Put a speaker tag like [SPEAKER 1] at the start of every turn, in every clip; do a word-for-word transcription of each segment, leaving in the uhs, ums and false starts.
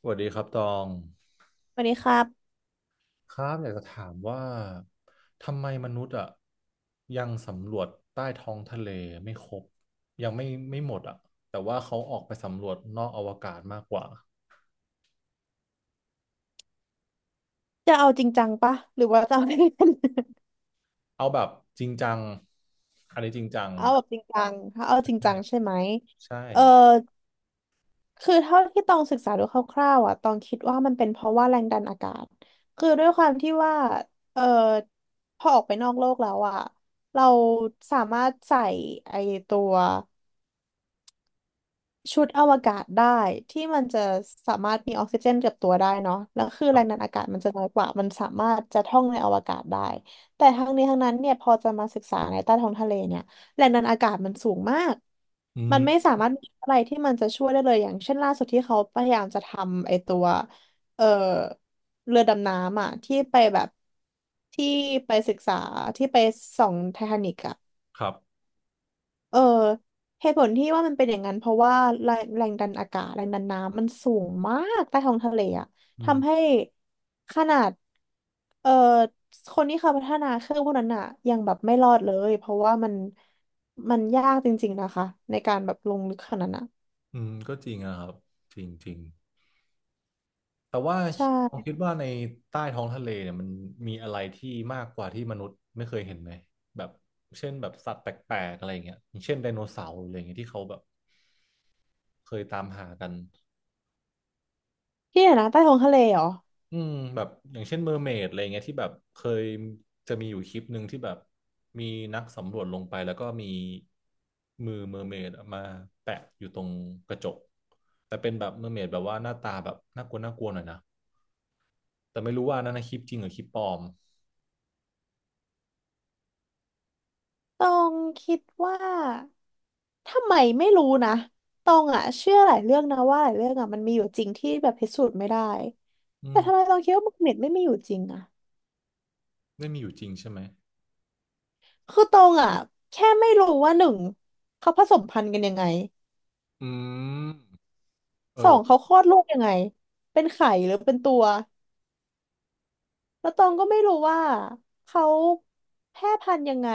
[SPEAKER 1] สวัสดีครับตอง
[SPEAKER 2] วันนี้ครับ
[SPEAKER 1] ครับอยากจะถามว่าทำไมมนุษย์อ่ะยังสำรวจใต้ท้องทะเลไม่ครบยังไม่ไม่หมดอ่ะแต่ว่าเขาออกไปสำรวจนอกอวกาศมากกว่า
[SPEAKER 2] จะเอาจริงจังปะหรือว่าจะเอาเล่น
[SPEAKER 1] เอาแบบจริงจังอันนี้จริง
[SPEAKER 2] ๆ
[SPEAKER 1] จัง
[SPEAKER 2] เอาแบบจริงจังถ้าเอาจริง
[SPEAKER 1] ใช่
[SPEAKER 2] จังใช่ไหม
[SPEAKER 1] ใช่
[SPEAKER 2] เออคือเท่าที่ต้องศึกษาดูคร่าวๆอ่ะต้องคิดว่ามันเป็นเพราะว่าแรงดันอากาศคือด้วยความที่ว่าเออพอออกไปนอกโลกแล้วอ่ะเราสามารถใส่ไอตัว ชุดอวกาศได้ที่มันจะสามารถมีออกซิเจนกับตัวได้เนาะแล้วคือแรงดันอากาศมันจะน้อยกว่ามันสามารถจะท่องในอวกาศได้แต่ทั้งนี้ทั้งนั้นเนี่ยพอจะมาศึกษาในใต้ท้องทะเลเนี่ยแรงดันอากาศมันสูงมาก
[SPEAKER 1] อื
[SPEAKER 2] มั
[SPEAKER 1] ม
[SPEAKER 2] นไม่สามารถมีอะไรที่มันจะช่วยได้เลยอย่างเช่นล่าสุดที่เขาพยายามจะทำไอตัวเอ่อเรือดำน้ำอ่ะที่ไปแบบที่ไปศึกษาที่ไปส่องไททานิกอ่ะ
[SPEAKER 1] ครับ
[SPEAKER 2] เออเหตุผลที่ว่ามันเป็นอย่างนั้นเพราะว่าแรงแรงดันอากาศแรงดันน้ำมันสูงมากใต้ท้องทะเลอะ
[SPEAKER 1] อืม
[SPEAKER 2] ทำให้ขนาดเออคนที่เขาพัฒนาเครื่องพวกนั้นอะยังแบบไม่รอดเลยเพราะว่ามันมันยากจริงๆนะคะในการแบบลงลึกขนาดนั้นอะ
[SPEAKER 1] อืมก็จริงนะครับจริงจริง แต่ว่า
[SPEAKER 2] ใช่
[SPEAKER 1] ผมคิดว่าในใต้ท้องทะเลเนี่ยมันมีอะไรที่มากกว่าที่มนุษย์ไม่เคยเห็นไหมแบบเช่นแบบสัตว์แปลกๆอะไรอย่างเงี้ยอย่างเช่นไดโนเสาร์อะไรอย่างเงี้ยที่เขาแบบเคยตามหากัน
[SPEAKER 2] ที่ไหนนะใต้ท้องทะเลเหรอ
[SPEAKER 1] อืมแบบอย่างเช่นเมอร์เมดอะไรเงี้ยที่แบบเคยจะมีอยู่คลิปหนึ่งที่แบบมีนักสำรวจลงไปแล้วก็มีมือเมอร์เมดมาแปะอยู่ตรงกระจกแต่เป็นแบบเมอร์เมดแบบว่าหน้าตาแบบน่ากลัวน่ากลัวหน่อยนะแต่ไม่รู้ว่านั่นนะคลิปจริงหรือคลิปปลอม
[SPEAKER 2] ตองคิดว่าทำไมไม่รู้นะตองอะเชื่อหลายเรื่องนะว่าหลายเรื่องอะมันมีอยู่จริงที่แบบพิสูจน์ไม่ได้
[SPEAKER 1] อื
[SPEAKER 2] แต่
[SPEAKER 1] ม
[SPEAKER 2] ทำไมตองคิดว่ามักเน็ตไม่มีอยู่จริงอะ
[SPEAKER 1] ได้มีอยู่จริงใช่ไหม
[SPEAKER 2] คือตองอะแค่ไม่รู้ว่าหนึ่งเขาผสมพันธุ์กันยังไง
[SPEAKER 1] อืมเอ
[SPEAKER 2] สอง
[SPEAKER 1] อ
[SPEAKER 2] เขาคลอดลูกยังไงเป็นไข่หรือเป็นตัวแล้วตองก็ไม่รู้ว่าเขาแพร่พันธุ์ยังไง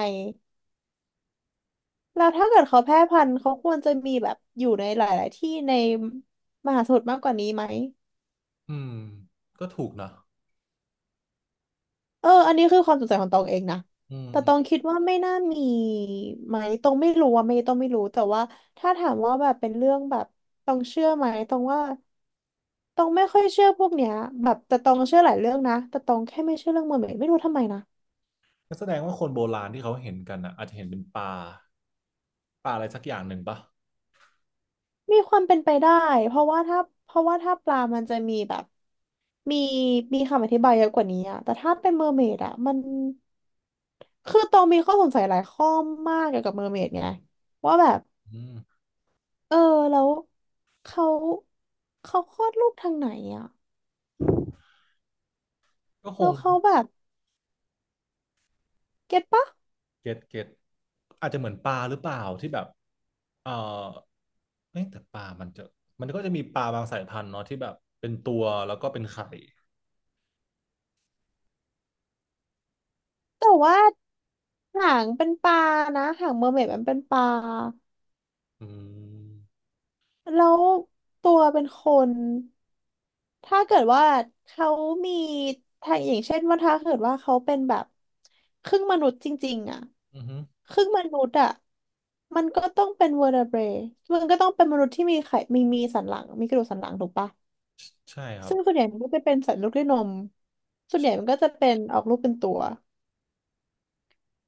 [SPEAKER 2] แล้วถ้าเกิดเขาแพร่พันธุ์เขาควรจะมีแบบอยู่ในหลายๆที่ในมหาสมุทรมากกว่านี้ไหม
[SPEAKER 1] อืมก็ถูกนะ
[SPEAKER 2] เออ อันนี้คือความสงสัยของตองเองนะ
[SPEAKER 1] อืม
[SPEAKER 2] แต่
[SPEAKER 1] อื
[SPEAKER 2] ต
[SPEAKER 1] ม
[SPEAKER 2] องคิดว่าไม่น่ามีไหมตองไม่รู้อะไม่ตองไม่รู้แต่ว่าถ้าถามว่าแบบเป็นเรื่องแบบตองเชื่อไหมตองว่าตองไม่ค่อยเชื่อพวกเนี้ยแบบแต่ตองเชื่อหลายเรื่องนะแต่ตองแค่ไม่เชื่อเรื่องเมอร์เหมดไม่รู้ทำไมนะ
[SPEAKER 1] ก็แสดงว่าคนโบราณที่เขาเห็นกันอ่ะอาจจะเห็นเป็นปลาปลาอะไรสักอย่างหนึ่งปะ
[SPEAKER 2] มีความเป็นไปได้เพราะว่าถ้าเพราะว่าถ้าปลามันจะมีแบบมีมีคำอธิบายเยอะกว่านี้อะแต่ถ้าเป็นเมอร์เมดอะมันคือตองมีข้อสงสัยหลายข้อมากเกี่ยวกับเมอร์เมดไงว่าแบบ
[SPEAKER 1] อืม
[SPEAKER 2] เออแล้วเขาเขาคลอดลูกทางไหนอ่ะ
[SPEAKER 1] ก็ค
[SPEAKER 2] แล้
[SPEAKER 1] ง
[SPEAKER 2] วเขาแบบเก็ตปะ
[SPEAKER 1] เก็ตเก็ตอาจจะเหมือนปลาหรือเปล่าที่แบบ เออเอ้ยแต่ปลามันจะมันก็จะมีปลาบางสายพันธุ์เนาะที่แบบเป็นตัวแล้วก็เป็นไข่
[SPEAKER 2] แต่ว่าหางเป็นปลานะหางเมอร์เมดมันเป็นปลา
[SPEAKER 1] อืม
[SPEAKER 2] แล้วตัวเป็นคนถ้าเกิดว่าเขามีถ้าอย่างเช่นว่าถ้าเกิดว่าเขาเป็นแบบครึ่งมนุษย์จริงๆอ่ะ
[SPEAKER 1] อือฮึ
[SPEAKER 2] ครึ่งมนุษย์อ่ะมันก็ต้องเป็นเวอร์เบรมันก็ต้องเป็นมนุษย์ที่มีไขมีมีสันหลังมีกระดูกสันหลังถูกปะ
[SPEAKER 1] ใช่ใช่ครับ
[SPEAKER 2] ซึ่งส่วนใหญ่มันก็จะเป็นสัตว์ลูกด้วยนมส่วนใหญ่มันก็จะเป็นออกลูกเป็นตัว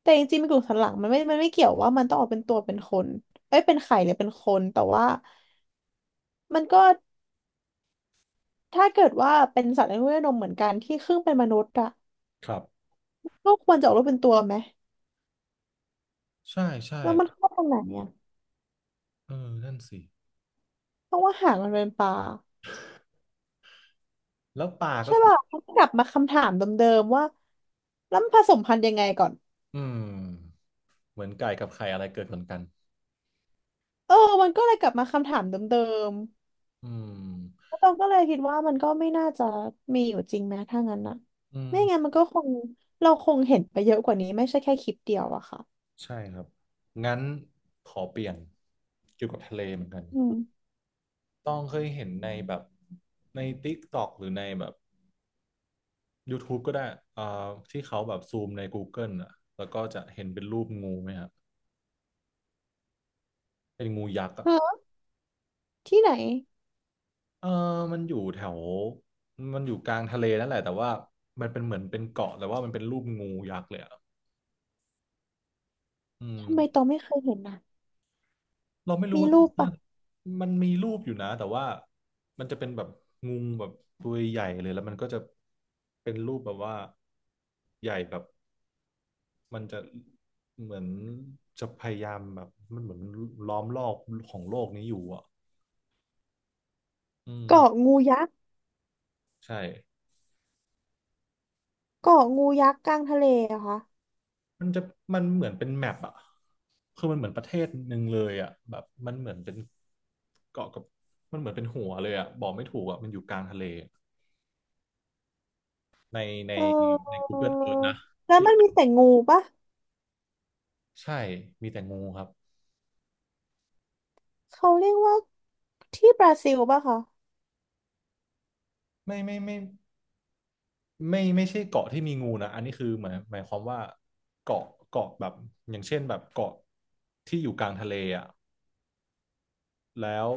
[SPEAKER 2] แต่จริงๆมีกลุ่มสันหลังมันไม่มันไม่เกี่ยวว่ามันต้องออกเป็นตัวเป็นคนเอ้ยเป็นไข่หรือเป็นคน แต่ว่ามันก็ถ้าเกิดว่าเป็นสัตว์ลูกด้วยนมเหมือนกันที่ครึ่งเป็นมนุษย์อะ
[SPEAKER 1] ครับ
[SPEAKER 2] ก็ควรจะออกลูกเป็นตัวไหม
[SPEAKER 1] ใช่ใช่
[SPEAKER 2] แล้วมันเข้าตรงไหนเนี่ย
[SPEAKER 1] เออนั่นสิ
[SPEAKER 2] เพราะว่าหางมันเป็นปลา
[SPEAKER 1] แล้วปลาก็
[SPEAKER 2] ใช่
[SPEAKER 1] คือ
[SPEAKER 2] ป่ะมันกลับมาคำถามเดิมๆว่าแล้วมันผสมพันธุ์ยังไงก่อน
[SPEAKER 1] อืม เหมือนไก่กับไข่อะไรเกิดก่อนกัน
[SPEAKER 2] เออมันก็เลยกลับมาคำถามเดิม
[SPEAKER 1] อืม
[SPEAKER 2] ตองก็เลยคิดว่ามันก็ไม่น่าจะมีอยู่จริงไหมถ้างั้นนะ
[SPEAKER 1] อืม
[SPEAKER 2] ไม่งั้นมันก็คงเราคงเห็นไปเยอะกว่านี้ไม่ใช่แค่คลิปเดียวอะค่ะ
[SPEAKER 1] ใช่ครับ งั้นขอเปลี่ยนเกี่ยวกับทะเลเหมือนกัน
[SPEAKER 2] อืม
[SPEAKER 1] ต้องเคยเห็นในแบบใน ติ๊กต๊อก หรือในแบบ ยูทูบ ก็ได้อ่าที่เขาแบบซูมใน Google อ่ะแล้วก็จะเห็นเป็นรูปงูไหมครับเป็นงูยักษ์อ่ะ
[SPEAKER 2] ฮะที่ไหน
[SPEAKER 1] เออมันอยู่แถวมันอยู่กลางทะเลนั่นแหละแต่ว่ามันเป็นเหมือนเป็นเกาะแต่ว่ามันเป็นรูปงูยักษ์เลยอ่ะอืม
[SPEAKER 2] ทำไมตองไม่เคยเห็นนะ
[SPEAKER 1] เราไม่รู้
[SPEAKER 2] มี
[SPEAKER 1] ว่าต้อ
[SPEAKER 2] รู
[SPEAKER 1] ง
[SPEAKER 2] ป
[SPEAKER 1] เซิ
[SPEAKER 2] ปะ
[SPEAKER 1] ร์ชมันมีรูปอยู่นะแต่ว่ามันจะเป็นแบบงูแบบตัวใหญ่เลยแล้วมันก็จะเป็นรูปแบบว่าใหญ่แบบมันจะเหมือนจะพยายามแบบมันเหมือนล้อมรอบของโลกนี้อยู่อ่ะอื
[SPEAKER 2] เกาะ
[SPEAKER 1] ม
[SPEAKER 2] งูยักษ์
[SPEAKER 1] ใช่
[SPEAKER 2] เกาะงูยักษ์กลางทะเลอะคะ
[SPEAKER 1] มันจะมันเหมือนเป็นแมปอ่ะคือมันเหมือนประเทศหนึ่งเลยอ่ะแบบมันเหมือนเป็นเกาะกับมันเหมือนเป็นหัวเลยอ่ะบอกไม่ถูกอ่ะมันอยู่กลางทะเลในใน
[SPEAKER 2] เออ
[SPEAKER 1] ใน Google Earth นะ
[SPEAKER 2] แล้วมันมีแต่งูปะ
[SPEAKER 1] ใช่ มีแต่งูครับ
[SPEAKER 2] เขาเรียกว่าที่บราซิลปะคะ
[SPEAKER 1] ไม่ไม่ไม่ไม่ไม่ใช่เกาะที่มีงูนะ อันนี้คือหมายหมายความว่าเกาะเกาะแบบอย่างเช่นแบบเกาะที่อยู่กลางทะเลอ่ะแล้ว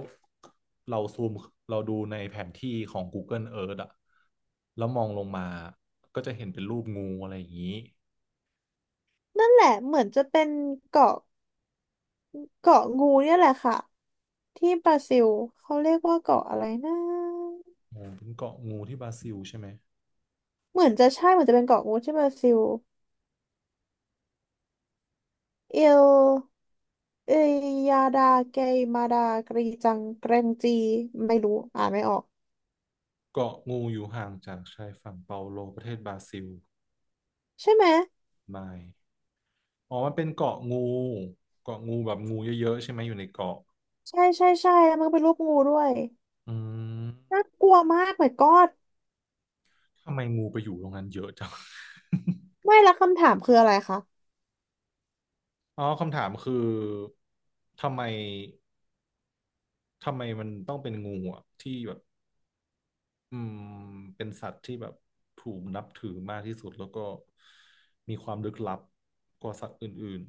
[SPEAKER 1] เราซูมเราดูในแผนที่ของ Google Earth อ่ะแล้วมองลงมา ก็จะเห็นเป็นรูปงูอะไรอย่างนี้
[SPEAKER 2] นั่นแหละเหมือนจะเป็นเกาะเกาะงูเนี่ยแหละค่ะที่บราซิลเขาเรียกว่าเกาะอะไรนะ
[SPEAKER 1] งูเป็นเกาะงูที่บราซิลใช่ไหม
[SPEAKER 2] เหมือนจะใช่เหมือนจะเป็นเกาะกูดที่บราซิลเอลเอยาดาเกยมาดากรีจังเกรงจีไม่รู้อ่านไม่ออก
[SPEAKER 1] เกาะงูอยู่ห่างจากชายฝั่งเปาโลประเทศบราซิล
[SPEAKER 2] ใช่ไหม
[SPEAKER 1] ไมล์อ๋อมันเป็นเกาะงูเกาะงูแบบงูเยอะๆใช่ไหมอยู่ในเกาะ
[SPEAKER 2] ใช่ใช่ใช่แล้วมันก็เป็นรูปงูด้วย
[SPEAKER 1] อืม
[SPEAKER 2] น่ากลัวมากเหมือนกอด
[SPEAKER 1] ทำไมงูไปอยู่ตรงนั้นเยอะจัง
[SPEAKER 2] ไม่และคำถามคืออะไรคะ
[SPEAKER 1] อ๋อคำถามคือทำไมทำไมมันต้องเป็นงูอ่ะที่แบบอืมเป็นสัตว์ที่แบบถูกนับถือมากที่สุดแล้วก็มีความลึกลับกว่าสัตว์อื่น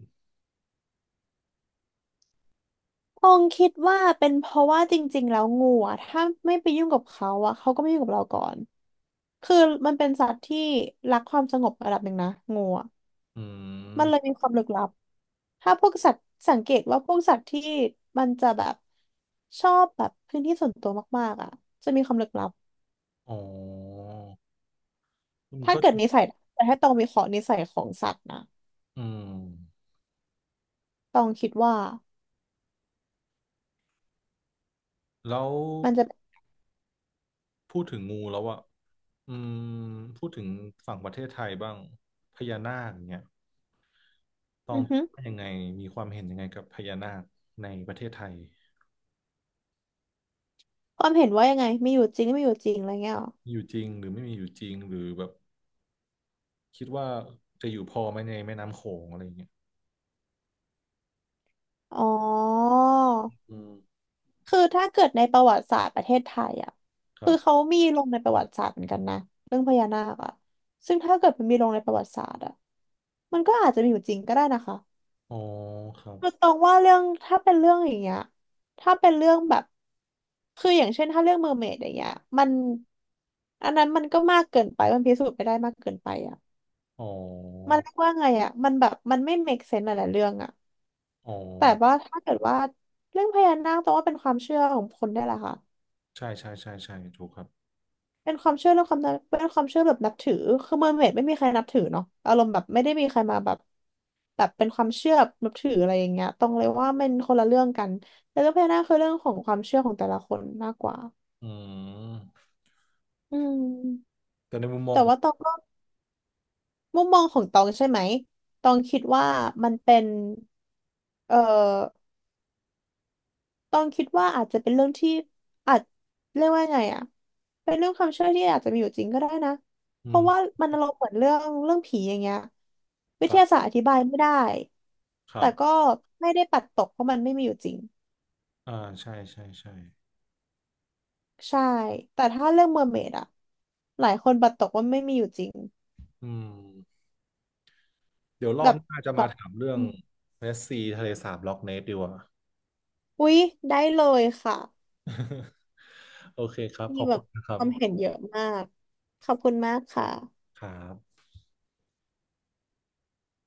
[SPEAKER 2] ตองคิดว่าเป็นเพราะว่าจริงๆแล้วงูอ่ะถ้าไม่ไปยุ่งกับเขาอ่ะเขาก็ไม่ยุ่งกับเราก่อนคือมันเป็นสัตว์ที่รักความสงบระดับหนึ่งนะงูอะ
[SPEAKER 1] ๆอืม
[SPEAKER 2] มันเลยมีความลึกลับถ้าพวกสัตว์สังเกตว่าพวกสัตว์ที่มันจะแบบชอบแบบพื้นที่ส่วนตัวมากๆอ่ะจะมีความลึกลับ
[SPEAKER 1] อ๋ออืม
[SPEAKER 2] ถ้า
[SPEAKER 1] ก็
[SPEAKER 2] เกิดนิสัยนะแต่ถ้าต้องมีขอนิสัยของสัตว์นะ
[SPEAKER 1] อืม
[SPEAKER 2] ต้องคิดว่า
[SPEAKER 1] แล้ว
[SPEAKER 2] มันจะ
[SPEAKER 1] พูดถึงงูแล้วอ่ะอืมพูดถึงฝั่งประเทศไทยบ้างพญานาคเนี่ย ตอ
[SPEAKER 2] อื
[SPEAKER 1] ง
[SPEAKER 2] อฮึ
[SPEAKER 1] ว่ายังไงมีความเห็นยังไงกับพญานาคในประเทศไทย
[SPEAKER 2] ความเห็นว่ายังไงมีอยู่จริงไม่อยู่จริงอะไรเงี้ยหรอ
[SPEAKER 1] อยู่จริงหรือไม่มีอยู่จริงหรือแบบคิดว่าจะอยู่พอไหมในแม่น้ำโขงอะไรอย่างเงี้ย
[SPEAKER 2] อ๋อ
[SPEAKER 1] อืม
[SPEAKER 2] คือถ้าเกิดในประวัติศาสตร์ประเทศไทยอ่ะ
[SPEAKER 1] ค
[SPEAKER 2] คื
[SPEAKER 1] รั
[SPEAKER 2] อเขา
[SPEAKER 1] บ
[SPEAKER 2] มีลงในประวัติศาสตร์เหมือนกันนะเรื่องพญานาคอ่ะซึ่งถ้าเกิดมันมีลงในประวัติศาสตร์อ่ะมันก็อาจจะมีอยู่จริงก็ได้นะคะ
[SPEAKER 1] อ๋อครับ
[SPEAKER 2] คือตรงว่าเรื่องถ้าเป็นเรื่องอย่างเงี้ยถ้าเป็นเรื่องแบบคืออย่างเช่นถ้าเรื่องเมอร์เมดอย่างเงี้ยมันอันนั้นมันก็มากเกินไปมันพิสูจน์ไม่ได้มากเกินไปอ่ะ
[SPEAKER 1] อ๋
[SPEAKER 2] มัน
[SPEAKER 1] อ
[SPEAKER 2] เรียกว่าไงอ่ะมันแบบมันไม่ make sense หลายๆเรื่องอ่ะ
[SPEAKER 1] อ๋อ
[SPEAKER 2] แต่ว่าถ้าเกิดว่าเรื่องพญานาคตรงว่าเป็นความเชื่อของคนได้แหละค่ะ
[SPEAKER 1] ใช่ใช่ใช่ใช่ถูกครับ
[SPEAKER 2] เป็นความเชื่อเรื่องความนับเป็นความเชื่อแบบนับถือคือเมอร์เมดไม่มีใครนับถือเนาะอารมณ์แบบไม่ได้มีใครมาแบบแบบเป็นความเชื่อนับถืออะไรอย่างเงี้ยตรงเลยว่ามันคนละเรื่องกันแต่เรื่องพญานาคคือเรื่องของความเชื่อของแต่ละคนมากกว่า
[SPEAKER 1] อืม
[SPEAKER 2] อืม
[SPEAKER 1] แต่ในมุมมอง
[SPEAKER 2] แต่
[SPEAKER 1] ของ
[SPEAKER 2] ว่าตองก็มุมมองของตองใช่ไหมตองคิดว่ามันเป็นเอ่อ ต้องคิดว่าอาจจะเป็นเรื่องที่อาจเรียกว่าไงอ่ะเป็นเรื่องความเชื่อที่อาจจะมีอยู่จริงก็ได้นะ
[SPEAKER 1] อื
[SPEAKER 2] เพ
[SPEAKER 1] ม
[SPEAKER 2] ราะว่ามันอารมณ์เหมือนเรื่องเรื่องผีอย่างเงี้ยวิ
[SPEAKER 1] ค
[SPEAKER 2] ท
[SPEAKER 1] รั
[SPEAKER 2] ยาศาสต
[SPEAKER 1] บ
[SPEAKER 2] ร์อธิบายไม่ได้
[SPEAKER 1] ครั
[SPEAKER 2] แต่ก็
[SPEAKER 1] บ
[SPEAKER 2] ไม่ได้ปัดตกเพราะมันไม่มีอยู่จริง
[SPEAKER 1] อ่าใช่ใช่ใช่
[SPEAKER 2] ใช่แต่ถ้าเรื่องเมอร์เมดอ่ะหลายคนปัดตกว่าไม่มีอยู่จริง
[SPEAKER 1] อืมเดี๋ยวรอ
[SPEAKER 2] แบ
[SPEAKER 1] บ
[SPEAKER 2] บ
[SPEAKER 1] หน้าจะ
[SPEAKER 2] แบ
[SPEAKER 1] มา
[SPEAKER 2] บ
[SPEAKER 1] ถามเรื่อ
[SPEAKER 2] อ
[SPEAKER 1] ง
[SPEAKER 2] ม
[SPEAKER 1] เมสซีทะเลสาบล็อกเนสดีกว่า
[SPEAKER 2] อุ๊ยได้เลยค่ะ
[SPEAKER 1] โอเคครับข
[SPEAKER 2] มี
[SPEAKER 1] อบ
[SPEAKER 2] แบ
[SPEAKER 1] คุ
[SPEAKER 2] บ
[SPEAKER 1] ณนะครั
[SPEAKER 2] ความเห็น
[SPEAKER 1] บ
[SPEAKER 2] เยอะมากขอบคุณมากค่ะ
[SPEAKER 1] ครับ